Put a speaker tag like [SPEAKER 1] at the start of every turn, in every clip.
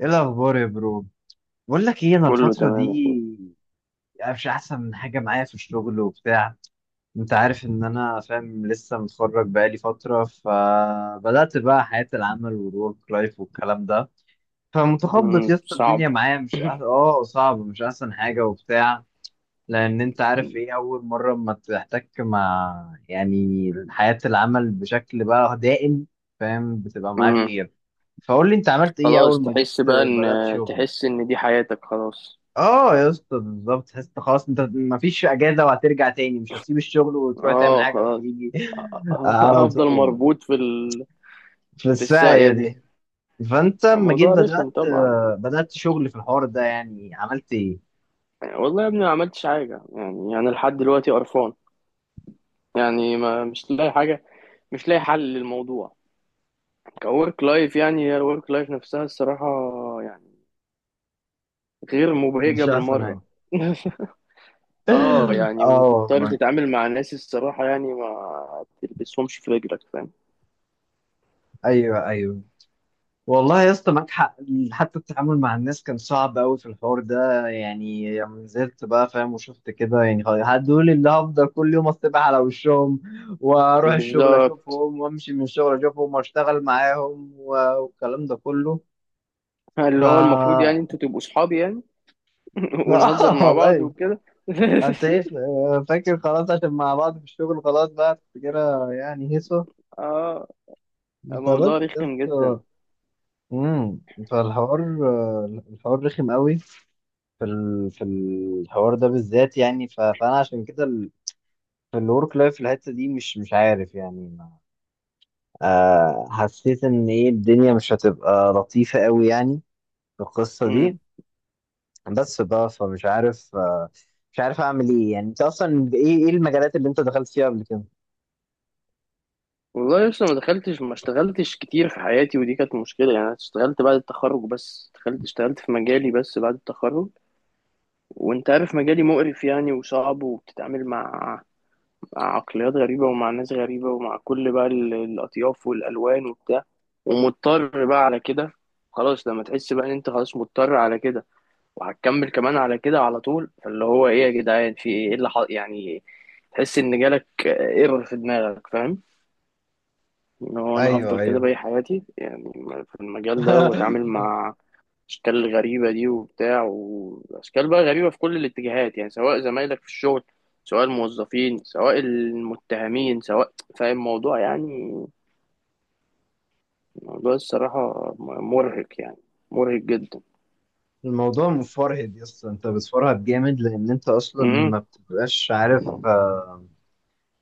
[SPEAKER 1] ايه الاخبار يا برو؟ بقول لك ايه، انا
[SPEAKER 2] كله
[SPEAKER 1] الفتره
[SPEAKER 2] تمام يا اخويا.
[SPEAKER 1] دي يعني مش احسن من حاجه معايا في الشغل وبتاع. انت عارف ان انا فاهم، لسه متخرج بقالي فتره، فبدات بقى حياه العمل والورك لايف والكلام ده. فمتخبط يا اسطى،
[SPEAKER 2] صعب.
[SPEAKER 1] الدنيا معايا مش صعب، مش احسن حاجه وبتاع. لان انت عارف ايه اول مره ما تحتك مع يعني حياه العمل بشكل بقى دائم، فاهم، بتبقى معاك
[SPEAKER 2] امم.
[SPEAKER 1] غير. فقول لي انت عملت ايه
[SPEAKER 2] خلاص
[SPEAKER 1] اول ما جيت
[SPEAKER 2] تحس بقى ان،
[SPEAKER 1] بدات شغل.
[SPEAKER 2] تحس ان دي حياتك خلاص.
[SPEAKER 1] اه يا اسطى، بالظبط، تحس إنت خلاص، انت مفيش اجازه وهترجع تاني، مش هتسيب الشغل وتروح تعمل
[SPEAKER 2] اه
[SPEAKER 1] حاجه
[SPEAKER 2] خلاص.
[SPEAKER 1] وتيجي على
[SPEAKER 2] هفضل
[SPEAKER 1] طول،
[SPEAKER 2] مربوط في ال...
[SPEAKER 1] في
[SPEAKER 2] في
[SPEAKER 1] الساعه
[SPEAKER 2] الساقية دي.
[SPEAKER 1] دي. فانت لما جيت
[SPEAKER 2] الموضوع رخم طبعا.
[SPEAKER 1] بدات شغل في الحوار ده، يعني عملت ايه؟
[SPEAKER 2] يعني والله يا ابني ما عملتش حاجة، يعني لحد دلوقتي قرفان. يعني ما مش لاقي حاجة، مش لاقي حل للموضوع. كورك لايف، يعني هي الورك لايف نفسها الصراحة، يعني، غير مبهجة
[SPEAKER 1] مش احسن حاجه.
[SPEAKER 2] بالمرة. اه، يعني
[SPEAKER 1] اه
[SPEAKER 2] وتضطر
[SPEAKER 1] والله.
[SPEAKER 2] تتعامل مع ناس الصراحة يعني ما تلبسهمش في رجلك، فاهم.
[SPEAKER 1] ايوه، ايوه، والله يا اسطى معاك حق. حتى التعامل مع الناس كان صعب قوي في الحوار ده يعني، لما نزلت بقى فاهم وشفت كده يعني خلاص، هدول اللي هفضل كل يوم اصطبح على وشهم، واروح الشغل
[SPEAKER 2] بالظبط.
[SPEAKER 1] اشوفهم وامشي من الشغل اشوفهم واشتغل معاهم والكلام ده كله. ف
[SPEAKER 2] اللي هو المفروض يعني انتوا تبقوا صحابي يعني. ونهزر مع بعض
[SPEAKER 1] والله.
[SPEAKER 2] وكده.
[SPEAKER 1] انت ايه فاكر؟ خلاص عشان مع بعض في الشغل، خلاص بقى تفتكرها يعني هيصه.
[SPEAKER 2] اه.
[SPEAKER 1] خلاص
[SPEAKER 2] الموضوع
[SPEAKER 1] يا
[SPEAKER 2] رخم جدا.
[SPEAKER 1] اسطى. امم فالحوار الحوار رخم قوي في الحوار ده بالذات، يعني فانا عشان كده في الورك لايف، في الحته دي مش عارف يعني ما... حسيت ان ايه الدنيا مش هتبقى لطيفه قوي يعني، في القصه
[SPEAKER 2] امم.
[SPEAKER 1] دي. بس بقى فمش عارف مش عارف اعمل ايه، يعني انت اصلا ايه المجالات اللي انت دخلت فيها قبل كده؟
[SPEAKER 2] والله لسه ما دخلتش، ما اشتغلتش كتير في حياتي، ودي كانت مشكلة. يعني انا اشتغلت بعد التخرج، بس اشتغلت في مجالي بس بعد التخرج. وانت عارف مجالي مقرف يعني، وصعب، وبتتعامل مع عقليات غريبة ومع ناس غريبة ومع كل بقى الأطياف والألوان وبتاع. ومضطر بقى على كده. خلاص لما تحس بقى إن أنت خلاص مضطر على كده، وهتكمل كمان على كده على طول. فاللي هو إيه يا جدعان، في إيه، إيه اللي حق يعني. تحس إن جالك ايرور في دماغك، فاهم. إن هو أنا
[SPEAKER 1] ايوه،
[SPEAKER 2] هفضل كده
[SPEAKER 1] ايوه.
[SPEAKER 2] باقي حياتي يعني، في المجال ده، وأتعامل مع اشكال غريبه دي وبتاع، واشكال بقى غريبه في كل الاتجاهات يعني، سواء زمايلك في الشغل، سواء الموظفين، سواء المتهمين، سواء، فاهم الموضوع يعني. موضوع الصراحه مرهق يعني، مرهق جدا.
[SPEAKER 1] الموضوع مفرهد يا اسطى، انت بتفرهد جامد لان انت اصلا
[SPEAKER 2] امم.
[SPEAKER 1] ما بتبقاش عارف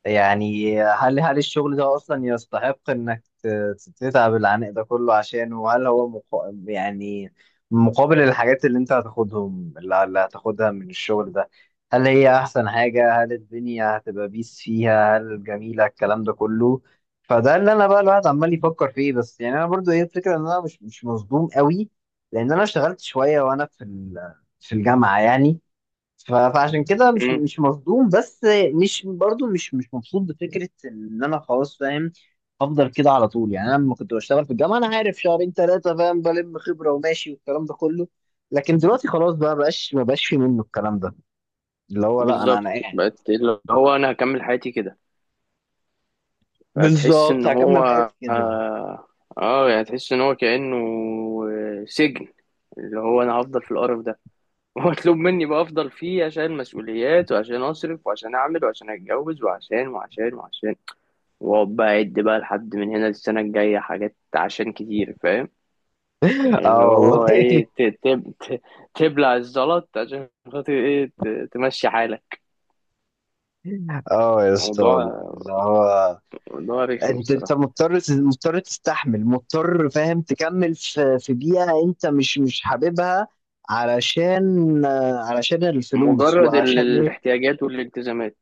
[SPEAKER 1] يعني هل الشغل ده اصلا يستحق انك تتعب العناء ده كله عشانه، وهل هو يعني مقابل الحاجات اللي انت هتاخدهم اللي هتاخدها من الشغل ده هل هي احسن حاجة؟ هل الدنيا هتبقى بيس فيها؟ هل جميلة الكلام ده كله؟ فده اللي انا بقى الواحد عمال يفكر فيه، بس يعني انا برضو ايه الفكرة، ان انا مش مصدوم قوي لان انا اشتغلت شوية وانا في الجامعة يعني. فعشان كده مش
[SPEAKER 2] امم.
[SPEAKER 1] مش مصدوم، بس مش برضو مش مبسوط بفكره ان انا خلاص فاهم افضل كده على طول يعني. انا لما كنت بشتغل في الجامعه انا عارف شهرين ثلاثه فاهم بلم خبره وماشي والكلام ده كله. لكن دلوقتي خلاص بقى، بقاش ما بقاش في منه الكلام ده، اللي هو لا انا
[SPEAKER 2] بالظبط،
[SPEAKER 1] قاعد
[SPEAKER 2] بقت اللي هو انا هكمل حياتي كده. فتحس
[SPEAKER 1] بالظبط
[SPEAKER 2] ان هو،
[SPEAKER 1] هكمل حياتي كده.
[SPEAKER 2] اه، يعني تحس ان هو كانه سجن. اللي هو انا هفضل في القرف ده، واطلب مني بقى افضل فيه عشان مسؤوليات، وعشان اصرف، وعشان اعمل، وعشان اتجوز، وعشان وعشان وعشان، واقعد بقى اعد بقى لحد من هنا للسنه الجايه حاجات عشان كتير، فاهم.
[SPEAKER 1] اه
[SPEAKER 2] اللي هو ايه،
[SPEAKER 1] والله.
[SPEAKER 2] تبلع الزلط عشان خاطر ايه، تمشي حالك.
[SPEAKER 1] اه يا اسطى والله،
[SPEAKER 2] موضوع
[SPEAKER 1] اللي هو
[SPEAKER 2] موضوع رخم
[SPEAKER 1] انت
[SPEAKER 2] الصراحه.
[SPEAKER 1] مضطر تستحمل، مضطر فاهم تكمل في بيئة انت مش حاببها، علشان علشان الفلوس
[SPEAKER 2] مجرد
[SPEAKER 1] وعشان ايه.
[SPEAKER 2] الاحتياجات والالتزامات.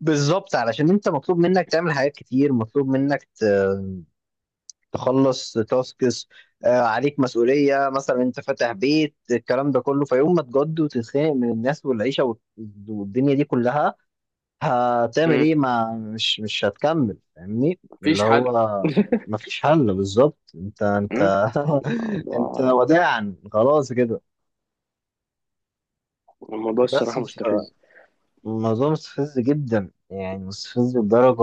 [SPEAKER 1] بالظبط، علشان انت مطلوب منك تعمل حاجات كتير، مطلوب منك تخلص تاسكس. عليك مسؤولية، مثلا انت فاتح بيت الكلام ده كله، فيوم ما تجد وتتخانق من الناس والعيشة والدنيا دي كلها، هتعمل
[SPEAKER 2] مم.
[SPEAKER 1] ايه؟ ما مش هتكمل فاهمني، اللي
[SPEAKER 2] مفيش حل.
[SPEAKER 1] هو ما فيش حل بالظبط. انت
[SPEAKER 2] مم.
[SPEAKER 1] انت
[SPEAKER 2] الموضوع
[SPEAKER 1] وداعا خلاص كده.
[SPEAKER 2] الموضوع
[SPEAKER 1] بس
[SPEAKER 2] الصراحه مستفز.
[SPEAKER 1] الموضوع مستفز جدا يعني، مستفز لدرجة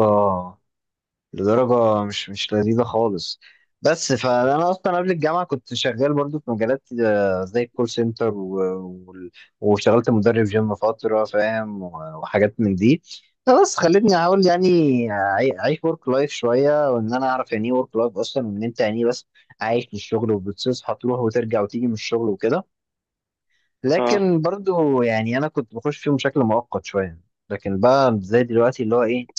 [SPEAKER 1] لدرجة مش لذيذة خالص. بس فأنا أصلا قبل الجامعة كنت شغال برضو في مجالات زي الكول سنتر وال- واشتغلت مدرب جيم فترة فاهم وحاجات من دي. فبس خلتني أحاول يعني أعيش ورك لايف شوية، وإن أنا أعرف يعني إيه ورك لايف أصلا، وإن أنت يعني إيه، بس عايش للشغل وبتصحى تروح وترجع وتيجي من الشغل وكده.
[SPEAKER 2] آه.
[SPEAKER 1] لكن برضو يعني أنا كنت بخش فيهم بشكل مؤقت شوية. لكن بقى زي دلوقتي اللي هو إيه،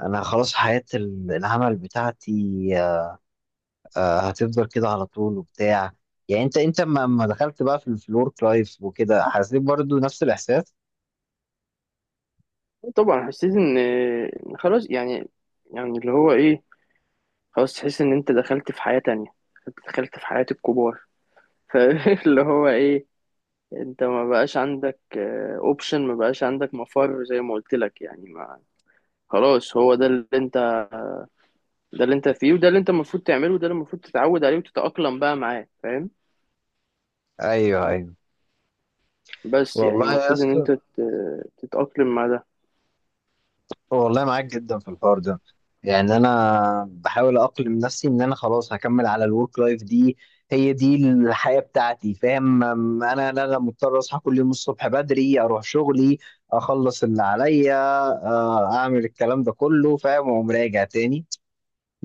[SPEAKER 1] انا خلاص حياة العمل بتاعتي هتفضل كده على طول وبتاع. يعني انت لما دخلت بقى في الورك لايف وكده حسيت برضو نفس الاحساس.
[SPEAKER 2] طبعا حسيت ان إن خلاص يعني، يعني اللي هو ايه، خلاص تحس ان انت دخلت في حياة تانية، دخلت في حياة الكبار. فاللي هو ايه، انت ما بقاش عندك اوبشن، ما بقاش عندك مفر زي ما قلت لك يعني. ما خلاص هو ده اللي انت، ده اللي انت فيه، وده اللي انت المفروض تعمله، وده اللي المفروض تتعود عليه وتتأقلم بقى معاه، فاهم.
[SPEAKER 1] ايوه ايوه،
[SPEAKER 2] بس يعني
[SPEAKER 1] والله يا
[SPEAKER 2] المفروض ان انت
[SPEAKER 1] اسطى،
[SPEAKER 2] تتأقلم مع ده.
[SPEAKER 1] والله معاك جدا في الحوار ده. يعني انا بحاول اقلم نفسي ان انا خلاص هكمل على الورك لايف دي، هي دي الحياة بتاعتي فاهم. انا لا لا مضطر اصحى كل يوم الصبح بدري اروح شغلي، اخلص اللي عليا اعمل الكلام ده كله فاهم، واقوم راجع تاني.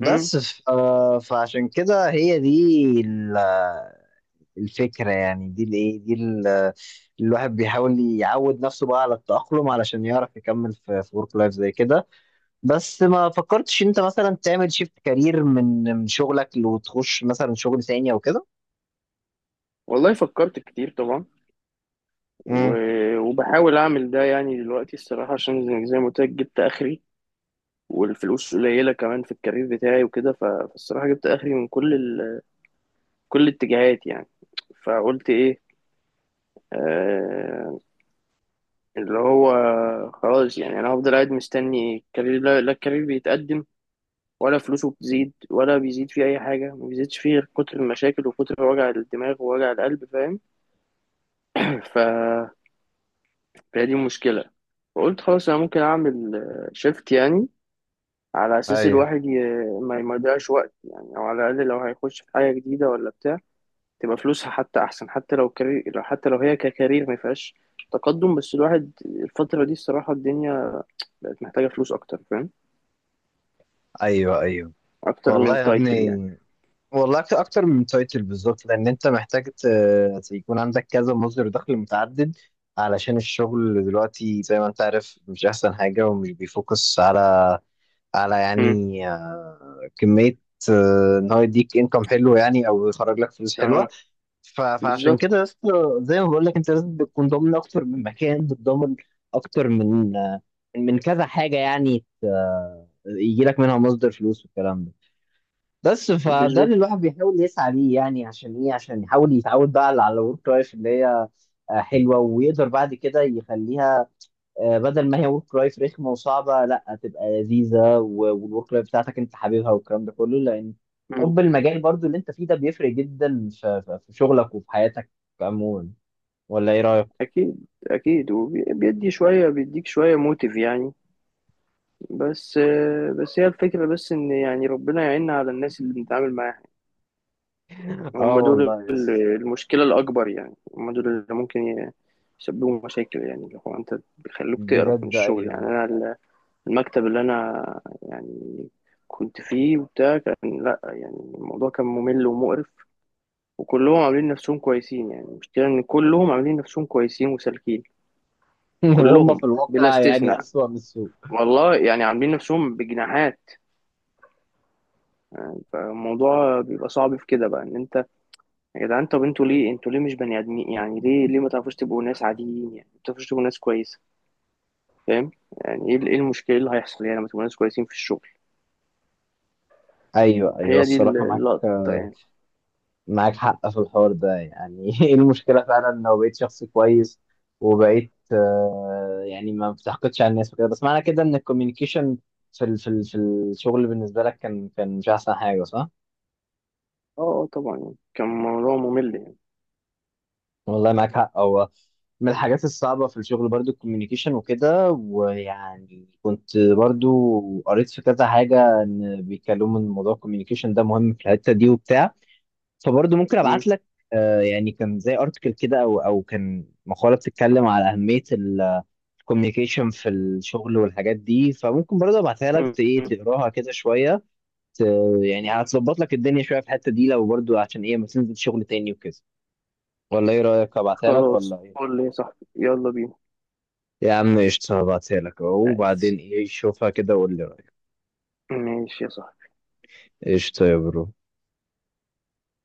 [SPEAKER 2] امم.
[SPEAKER 1] ف... آه، فعشان كده هي دي ال- آه، الفكرة يعني، دي الايه دي الواحد بيحاول يعود نفسه بقى على التأقلم علشان يعرف يكمل في ورك لايف زي كده. بس ما فكرتش انت مثلا تعمل شيفت كارير من شغلك وتخش مثلا شغل تاني او كده؟
[SPEAKER 2] والله فكرت كتير طبعا،
[SPEAKER 1] امم.
[SPEAKER 2] وبحاول اعمل ده يعني دلوقتي الصراحه، عشان زي ما قلت لك جبت اخري. والفلوس قليله كمان في الكارير بتاعي وكده، فالصراحه جبت اخري من كل ال... كل الاتجاهات يعني. فقلت ايه، آه، اللي هو خلاص يعني انا هفضل قاعد مستني الكارير، لا, لا الكارير بيتقدم، ولا فلوسه بتزيد، ولا بيزيد فيه اي حاجه، ما بيزيدش فيه غير كتر المشاكل وكتر وجع الدماغ ووجع القلب، فاهم. ف فهي دي المشكله. فقلت خلاص انا ممكن اعمل شيفت يعني، على اساس
[SPEAKER 1] ايوه،
[SPEAKER 2] الواحد ي... ما يضيعش وقت يعني، او على الاقل لو هيخش في حاجه جديده ولا بتاع، تبقى فلوسها حتى احسن، حتى لو كارير، لو حتى لو هي ككارير ما فيهاش تقدم. بس الواحد الفتره دي الصراحه الدنيا بقت محتاجه فلوس اكتر، فاهم،
[SPEAKER 1] ايوه، ايوه،
[SPEAKER 2] اكتر
[SPEAKER 1] والله
[SPEAKER 2] من
[SPEAKER 1] يا
[SPEAKER 2] تايتل يعني.
[SPEAKER 1] ابني، والله أكتر أكتر من تايتل بالظبط، لأن أنت محتاج يكون عندك كذا مصدر دخل متعدد علشان الشغل دلوقتي زي ما أنت عارف مش أحسن حاجة، ومش بيفوكس على
[SPEAKER 2] امم.
[SPEAKER 1] يعني كمية إن هو يديك إنكم حلو يعني، أو يخرج لك فلوس حلوة.
[SPEAKER 2] اه.
[SPEAKER 1] فعشان
[SPEAKER 2] بالظبط،
[SPEAKER 1] كده يا اسطى، زي ما بقول لك، أنت لازم تكون ضامن أكتر من مكان، بتضمن أكتر من كذا حاجة يعني يجي لك منها مصدر فلوس والكلام ده. بس فده
[SPEAKER 2] بالظبط.
[SPEAKER 1] اللي الواحد بيحاول يسعى ليه، يعني عشان ايه؟ عشان يحاول يتعود بقى على الورك لايف اللي هي حلوه، ويقدر بعد كده يخليها بدل ما هي ورك لايف رخمه وصعبه، لا، تبقى لذيذه والورك لايف بتاعتك انت حاببها والكلام ده كله، لان
[SPEAKER 2] امم.
[SPEAKER 1] حب المجال برضو اللي انت فيه ده بيفرق جدا في شغلك وفي حياتك عموما. ولا ايه رايك؟
[SPEAKER 2] اكيد اكيد، وبيدي شويه، بيديك شويه موتيف يعني. بس هي الفكره بس ان يعني ربنا يعيننا على الناس اللي بنتعامل معاها.
[SPEAKER 1] اه
[SPEAKER 2] هم دول
[SPEAKER 1] والله يس.
[SPEAKER 2] المشكلة الأكبر يعني، هم دول اللي ممكن يسببوا مشاكل يعني، اللي هو أنت بيخلوك تقرف من
[SPEAKER 1] بجد
[SPEAKER 2] الشغل. يعني
[SPEAKER 1] ايوه.
[SPEAKER 2] أنا المكتب اللي أنا يعني كنت فيه وبتاع كان لأ، يعني الموضوع كان ممل ومقرف، وكلهم عاملين نفسهم كويسين. يعني المشكلة إن كلهم عاملين نفسهم كويسين وسالكين.
[SPEAKER 1] وهم
[SPEAKER 2] كلهم
[SPEAKER 1] في
[SPEAKER 2] بلا
[SPEAKER 1] الواقع يعني
[SPEAKER 2] استثناء،
[SPEAKER 1] اسوأ من السوق.
[SPEAKER 2] والله يعني عاملين نفسهم بجناحات. فالموضوع بيبقى صعب في كده بقى، إن أنت، يا جدعان، طب انتوا ليه، انتوا ليه مش بني ادمين يعني، ليه ليه ما تعرفوش تبقوا ناس عاديين يعني، ما تعرفوش تبقوا ناس كويسه، فاهم. يعني ايه ايه المشكله، إيه اللي هيحصل يعني لما تبقوا ناس كويسين في الشغل.
[SPEAKER 1] ايوه ايوه،
[SPEAKER 2] هي دي
[SPEAKER 1] الصراحه
[SPEAKER 2] اللقطه يعني.
[SPEAKER 1] معاك حق في الحوار ده يعني. ايه المشكلة فعلا لو بقيت شخص كويس، وبقيت يعني ما بتحقدش على الناس وكده؟ بس معنى كده ان الكوميونيكيشن في الشغل بالنسبة لك كان مش احسن حاجة، صح؟
[SPEAKER 2] اه، طبعا يعني كان موضوع ممل يعني.
[SPEAKER 1] والله معاك حق، هو من الحاجات الصعبة في الشغل برضو الكوميونيكيشن وكده. ويعني كنت برضو قريت في كذا حاجة ان بيتكلموا ان موضوع الكوميونيكيشن ده مهم في الحتة دي وبتاع، فبرضه ممكن
[SPEAKER 2] مم.
[SPEAKER 1] ابعت لك يعني كان زي ارتكل كده او كان مقاله بتتكلم على اهميه الكوميونيكيشن في الشغل والحاجات دي، فممكن برضه ابعتها لك ايه
[SPEAKER 2] مم.
[SPEAKER 1] تقراها كده شويه، ت- يعني هتظبط لك الدنيا شويه في الحته دي، لو برضه عشان ايه ما تنزل شغل تاني وكده. ولا ايه رايك، ابعتها لك
[SPEAKER 2] خلاص
[SPEAKER 1] ولا ايه؟
[SPEAKER 2] قول لي يا صاحبي، يلا بينا.
[SPEAKER 1] يا عم قشطه، هبعتها لك أهو،
[SPEAKER 2] ماشي.
[SPEAKER 1] وبعدين ايه، شوفها كده وقول لي رايك.
[SPEAKER 2] ماشي يا صاحبي.
[SPEAKER 1] قشطه يا برو.